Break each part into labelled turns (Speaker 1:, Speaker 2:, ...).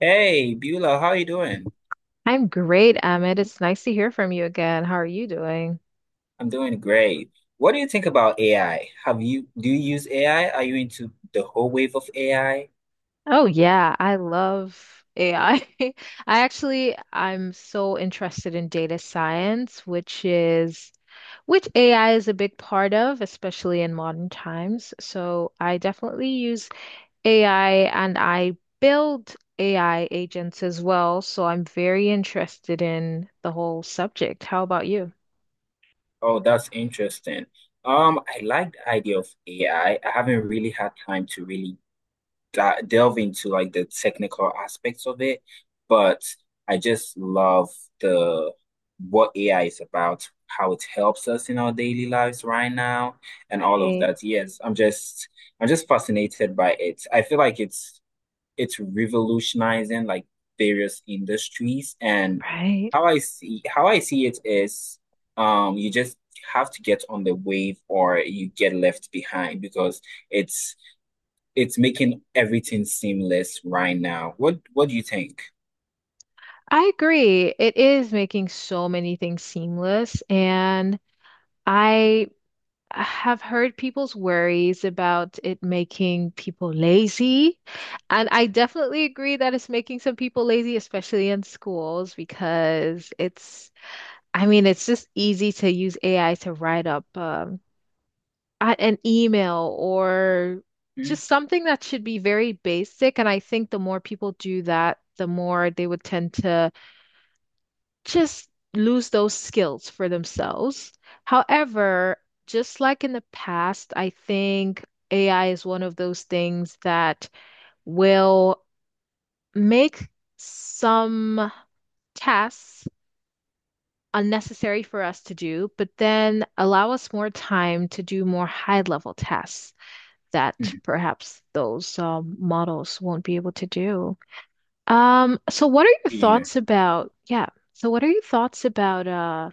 Speaker 1: Hey, Beulah, how are you doing?
Speaker 2: I'm great, Emmett. It's nice to hear from you again. How are you doing?
Speaker 1: I'm doing great. What do you think about AI? Have you do you use AI? Are you into the whole wave of AI?
Speaker 2: Oh yeah, I love AI. I I actually I'm so interested in data science, which AI is a big part of, especially in modern times. So I definitely use AI and I build AI agents as well. So I'm very interested in the whole subject. How about you?
Speaker 1: Oh, that's interesting. I like the idea of AI. I haven't really had time to really delve into like the technical aspects of it, but I just love the what AI is about, how it helps us in our daily lives right now, and all of
Speaker 2: Right,
Speaker 1: that. Yes. I'm just fascinated by it. I feel like it's revolutionizing like various industries and
Speaker 2: right.
Speaker 1: how I see it is you just have to get on the wave or you get left behind because it's it's making everything seamless right now. What do you think?
Speaker 2: I agree. It is making so many things seamless, and I have heard people's worries about it making people lazy. And I definitely agree that it's making some people lazy, especially in schools, I mean, it's just easy to use AI to write up an email or
Speaker 1: Hmm?
Speaker 2: just something that should be very basic. And I think the more people do that, the more they would tend to just lose those skills for themselves. However, just like in the past, I think AI is one of those things that will make some tasks unnecessary for us to do, but then allow us more time to do more high-level tasks that
Speaker 1: Hmm.
Speaker 2: perhaps those models won't be able to do. So what are your
Speaker 1: Yeah.
Speaker 2: thoughts about, yeah, so what are your thoughts about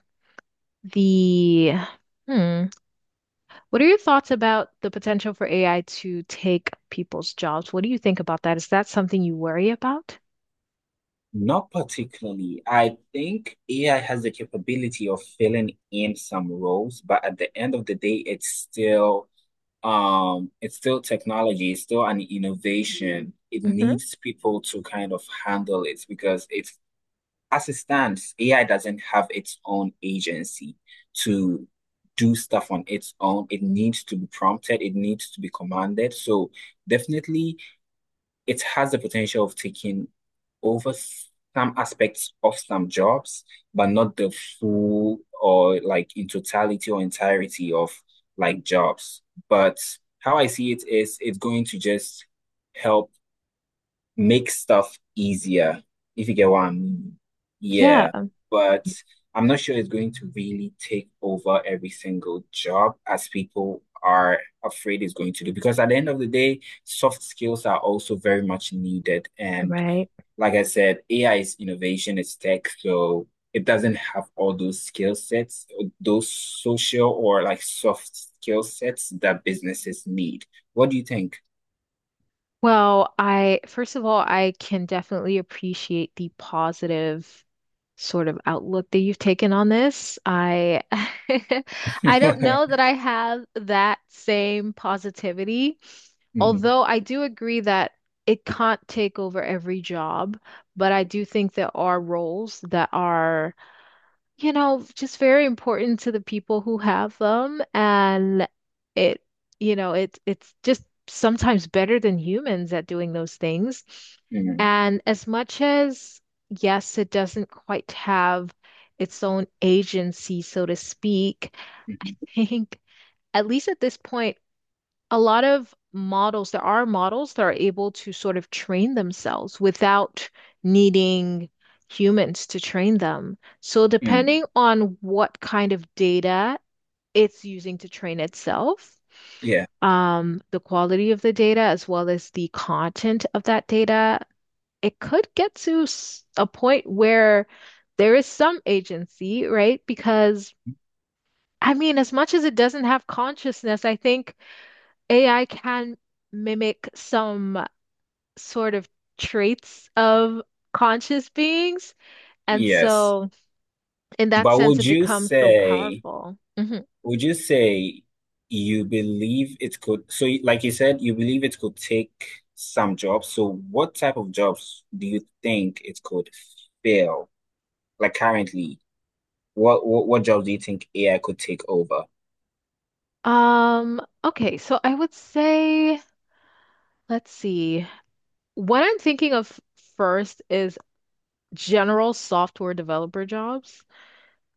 Speaker 2: the hmm, what are your thoughts about the potential for AI to take people's jobs? What do you think about that? Is that something you worry about?
Speaker 1: Not particularly. I think AI has the capability of filling in some roles, but at the end of the day, it's still technology, it's still an innovation, it
Speaker 2: hmm
Speaker 1: needs people to kind of handle it because it's, as it stands, AI doesn't have its own agency to do stuff on its own. It needs to be prompted, it needs to be commanded. So definitely it has the potential of taking over some aspects of some jobs, but not the full or like in totality or entirety of like jobs. But how I see it is it's going to just help make stuff easier, if you get what I mean. Yeah,
Speaker 2: Yeah,
Speaker 1: but I'm not sure it's going to really take over every single job as people are afraid it's going to do. Because at the end of the day, soft skills are also very much needed. And
Speaker 2: right.
Speaker 1: like I said, AI is innovation, it's tech, so it doesn't have all those skill sets, those social or like soft skill sets that businesses need. What do you think?
Speaker 2: Well, I first of all, I can definitely appreciate the positive sort of outlook that you've taken on this. I I don't know that I have that same positivity.
Speaker 1: Mhm,
Speaker 2: Although I do agree that it can't take over every job, but I do think there are roles that are, you know, just very important to the people who have them. And it, you know, it's just sometimes better than humans at doing those things.
Speaker 1: mhm,
Speaker 2: And as much as, yes, it doesn't quite have its own agency, so to speak,
Speaker 1: mhm, mhm,
Speaker 2: I think, at least at this point, a lot of models, there are models that are able to sort of train themselves without needing humans to train them. So,
Speaker 1: mhm.
Speaker 2: depending on what kind of data it's using to train itself,
Speaker 1: Yeah,
Speaker 2: the quality of the data, as well as the content of that data, it could get to a point where there is some agency, right? Because I mean, as much as it doesn't have consciousness, I think AI can mimic some sort of traits of conscious beings. And
Speaker 1: yes.
Speaker 2: so, in that
Speaker 1: But
Speaker 2: sense, it becomes so powerful. Mhm.
Speaker 1: would you say you believe it could, so like you said, you believe it could take some jobs. So what type of jobs do you think it could fill? Like currently, what jobs do you think AI could take over?
Speaker 2: Okay, so I would say, let's see. What I'm thinking of first is general software developer jobs.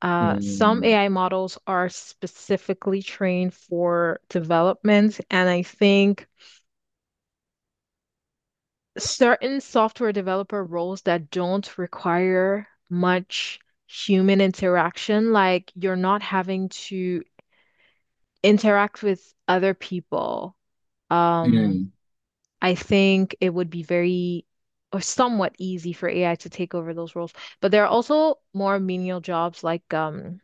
Speaker 2: Some
Speaker 1: Mm,
Speaker 2: AI models are specifically trained for development, and I think certain software developer roles that don't require much human interaction, like you're not having to interact with other people. Um,
Speaker 1: mm,
Speaker 2: I think it would be very or somewhat easy for AI to take over those roles. But there are also more menial jobs like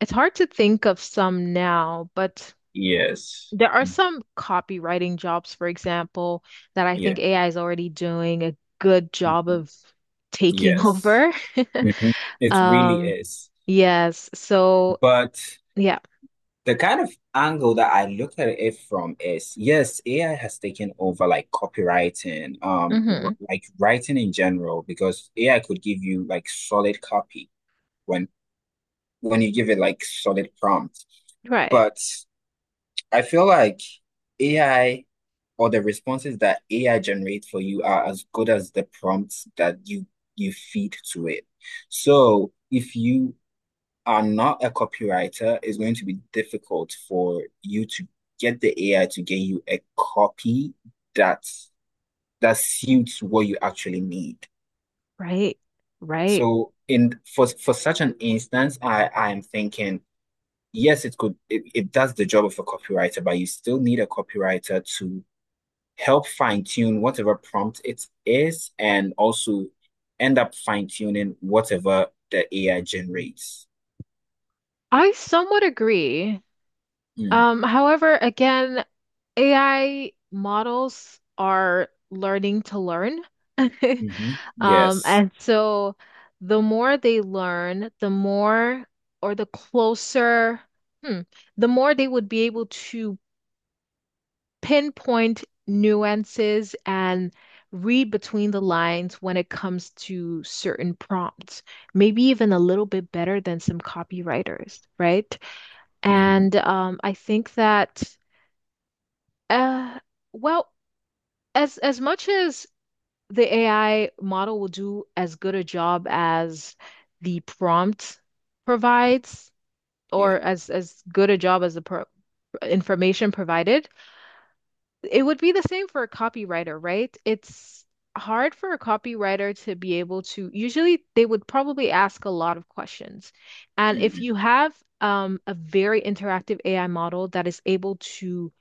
Speaker 2: it's hard to think of some now, but
Speaker 1: yes.
Speaker 2: there are
Speaker 1: Mm,
Speaker 2: some copywriting jobs, for example, that I think
Speaker 1: yeah.
Speaker 2: AI is already doing a good job
Speaker 1: Mhm.
Speaker 2: of taking
Speaker 1: Yes.
Speaker 2: over.
Speaker 1: Mhm. It really
Speaker 2: Um,
Speaker 1: is.
Speaker 2: yes. So,
Speaker 1: But
Speaker 2: yeah.
Speaker 1: The kind of angle that I look at it from is, yes, AI has taken over like copywriting,
Speaker 2: hmm
Speaker 1: like writing in general, because AI could give you like solid copy when you give it like solid prompt.
Speaker 2: Right.
Speaker 1: But I feel like AI, or the responses that AI generates for you, are as good as the prompts that you feed to it. So if you are not a copywriter, it's going to be difficult for you to get the AI to get you a copy that that suits what you actually need.
Speaker 2: Right. Right.
Speaker 1: So in for such an instance, I am thinking, yes, it could, it does the job of a copywriter, but you still need a copywriter to help fine-tune whatever prompt it is and also end up fine-tuning whatever the AI generates.
Speaker 2: I somewhat agree.
Speaker 1: Mm,
Speaker 2: However, again, AI models are learning to learn.
Speaker 1: mhm, yes.
Speaker 2: And so the more they learn, the closer, hmm, the more they would be able to pinpoint nuances and read between the lines when it comes to certain prompts, maybe even a little bit better than some copywriters, right?
Speaker 1: Mhm.
Speaker 2: And I think that, uh, well, as much as the AI model will do as good a job as the prompt provides, or
Speaker 1: Yeah.
Speaker 2: as good a job as the pro information provided. It would be the same for a copywriter, right? It's hard for a copywriter to be able to, usually they would probably ask a lot of questions. And if
Speaker 1: Mm,
Speaker 2: you have a very interactive AI model that is able to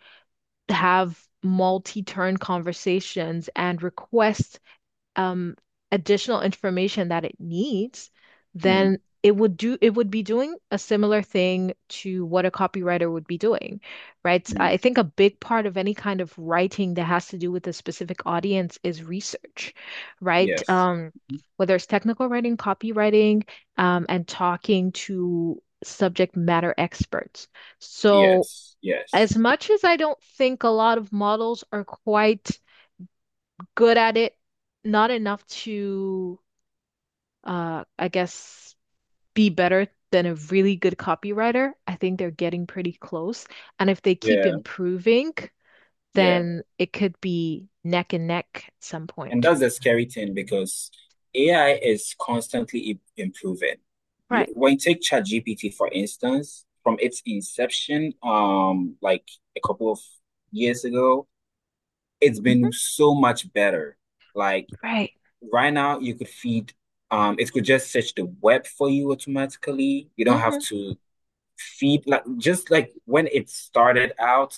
Speaker 2: have multi-turn conversations and request um, additional information that it needs,
Speaker 1: mm,
Speaker 2: then it would be doing a similar thing to what a copywriter would be doing, right?
Speaker 1: mm.
Speaker 2: I think a big part of any kind of writing that has to do with a specific audience is research, right?
Speaker 1: Yes. Mhm.
Speaker 2: Whether it's technical writing, copywriting, and talking to subject matter experts. So,
Speaker 1: Yes. Yes.
Speaker 2: as much as I don't think a lot of models are quite good at it, not enough to, I guess, be better than a really good copywriter. I think they're getting pretty close. And if they keep
Speaker 1: Yeah.
Speaker 2: improving,
Speaker 1: Yeah.
Speaker 2: then it could be neck and neck at some
Speaker 1: And
Speaker 2: point.
Speaker 1: that's the scary thing because AI is constantly improving.
Speaker 2: Right.
Speaker 1: When you take ChatGPT, for instance, from its inception, like a couple of years ago, it's been
Speaker 2: hmm
Speaker 1: so much better. Like
Speaker 2: Right.
Speaker 1: right now, you could it could just search the web for you automatically. You don't have
Speaker 2: hmm
Speaker 1: to feed, like, just like when it started out,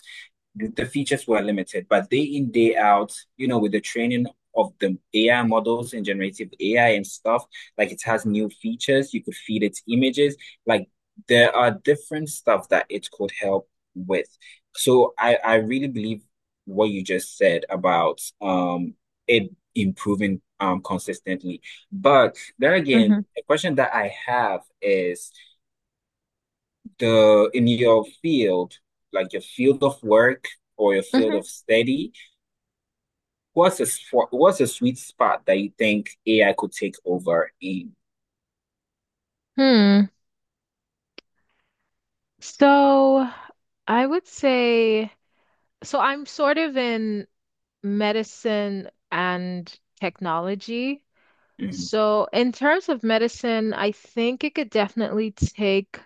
Speaker 1: features were limited, but day in, day out, you know, with the training of the AI models and generative AI and stuff, like it has new features. You could feed its images. Like there are different stuff that it could help with. So I really believe what you just said about it improving consistently. But there again,
Speaker 2: hmm
Speaker 1: a question that I have is the in your field, like your field of work or your field
Speaker 2: hmm
Speaker 1: of study, what's a sweet spot that you think AI could take over in?
Speaker 2: Hmm. So I would say, so I'm sort of in medicine and technology.
Speaker 1: Mm,
Speaker 2: So, in terms of medicine, I think it could definitely take,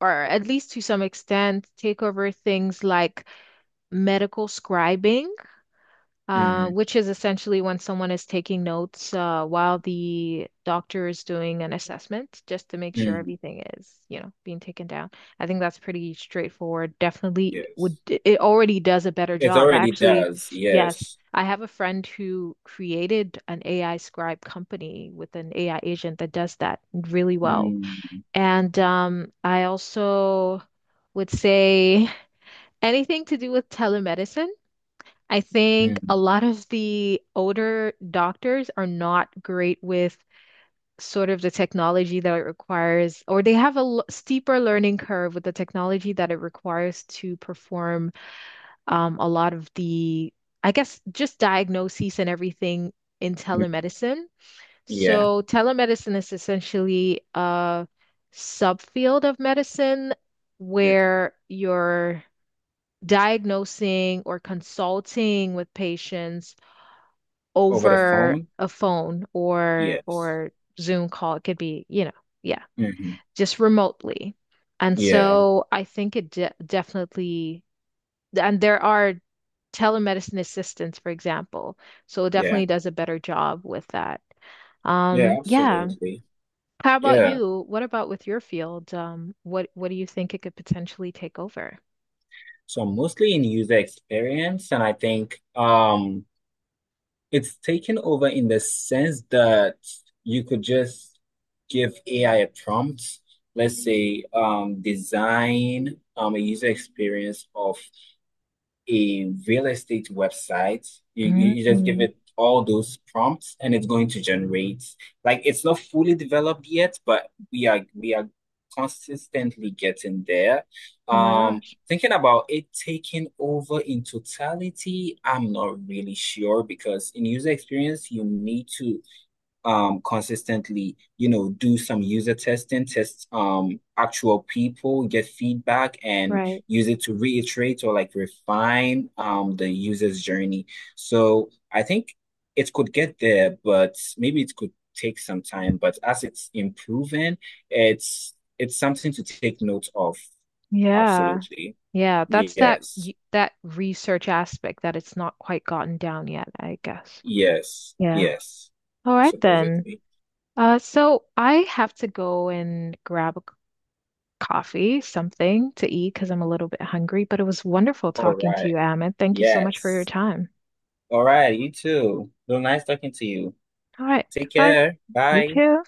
Speaker 2: or at least to some extent, take over things like medical scribing
Speaker 1: mm,
Speaker 2: which is essentially when someone is taking notes while the doctor is doing an assessment, just to make sure
Speaker 1: mm,
Speaker 2: everything is, you know, being taken down. I think that's pretty straightforward. Definitely would,
Speaker 1: yes,
Speaker 2: it already does a better
Speaker 1: it
Speaker 2: job.
Speaker 1: already
Speaker 2: Actually,
Speaker 1: does.
Speaker 2: yes,
Speaker 1: Yes.
Speaker 2: I have a friend who created an AI scribe company with an AI agent that does that really well.
Speaker 1: Mm,
Speaker 2: And I also would say anything to do with telemedicine. I think
Speaker 1: mm,
Speaker 2: a lot of the older doctors are not great with sort of the technology that it requires, or they have a steeper learning curve with the technology that it requires to perform a lot of the, I guess, just diagnoses and everything in
Speaker 1: mm.
Speaker 2: telemedicine.
Speaker 1: Yeah,
Speaker 2: So telemedicine is essentially a subfield of medicine
Speaker 1: yeah.
Speaker 2: where you're diagnosing or consulting with patients
Speaker 1: Over the
Speaker 2: over
Speaker 1: phone.
Speaker 2: a phone
Speaker 1: Yes.
Speaker 2: or Zoom call. It could be, you know, yeah,
Speaker 1: Hmm.
Speaker 2: just remotely. And
Speaker 1: Yeah,
Speaker 2: so I think it de definitely, and there are telemedicine assistants, for example. So it
Speaker 1: yeah,
Speaker 2: definitely does a better job with that.
Speaker 1: yeah.
Speaker 2: Yeah.
Speaker 1: Absolutely.
Speaker 2: How about
Speaker 1: Yeah.
Speaker 2: you? What about with your field? What do you think it could potentially take over?
Speaker 1: So mostly in user experience, and I think. It's taken over in the sense that you could just give AI a prompt, let's say, design a user experience of a real estate website. You just give
Speaker 2: Mm.
Speaker 1: it all those prompts and it's going to generate. Like it's not fully developed yet, but we are consistently getting there.
Speaker 2: Oh my
Speaker 1: Um,
Speaker 2: gosh.
Speaker 1: thinking about it taking over in totality, I'm not really sure because in user experience, you need to consistently, you know, do some user testing, test actual people, get feedback and
Speaker 2: Right.
Speaker 1: use it to reiterate or like refine the user's journey. So I think it could get there, but maybe it could take some time, but as it's improving, it's something to take note of.
Speaker 2: Yeah.
Speaker 1: Absolutely.
Speaker 2: Yeah, that's
Speaker 1: Yes,
Speaker 2: that research aspect that it's not quite gotten down yet, I guess.
Speaker 1: yes,
Speaker 2: Yeah.
Speaker 1: yes.
Speaker 2: All right then.
Speaker 1: Supposedly.
Speaker 2: So I have to go and grab a coffee, something to eat because I'm a little bit hungry, but it was wonderful
Speaker 1: All
Speaker 2: talking to
Speaker 1: right.
Speaker 2: you, Amit. Thank you so much for your
Speaker 1: Yes.
Speaker 2: time.
Speaker 1: All right, you too. It was nice talking to you.
Speaker 2: All right,
Speaker 1: Take
Speaker 2: goodbye.
Speaker 1: care.
Speaker 2: You
Speaker 1: Bye.
Speaker 2: too.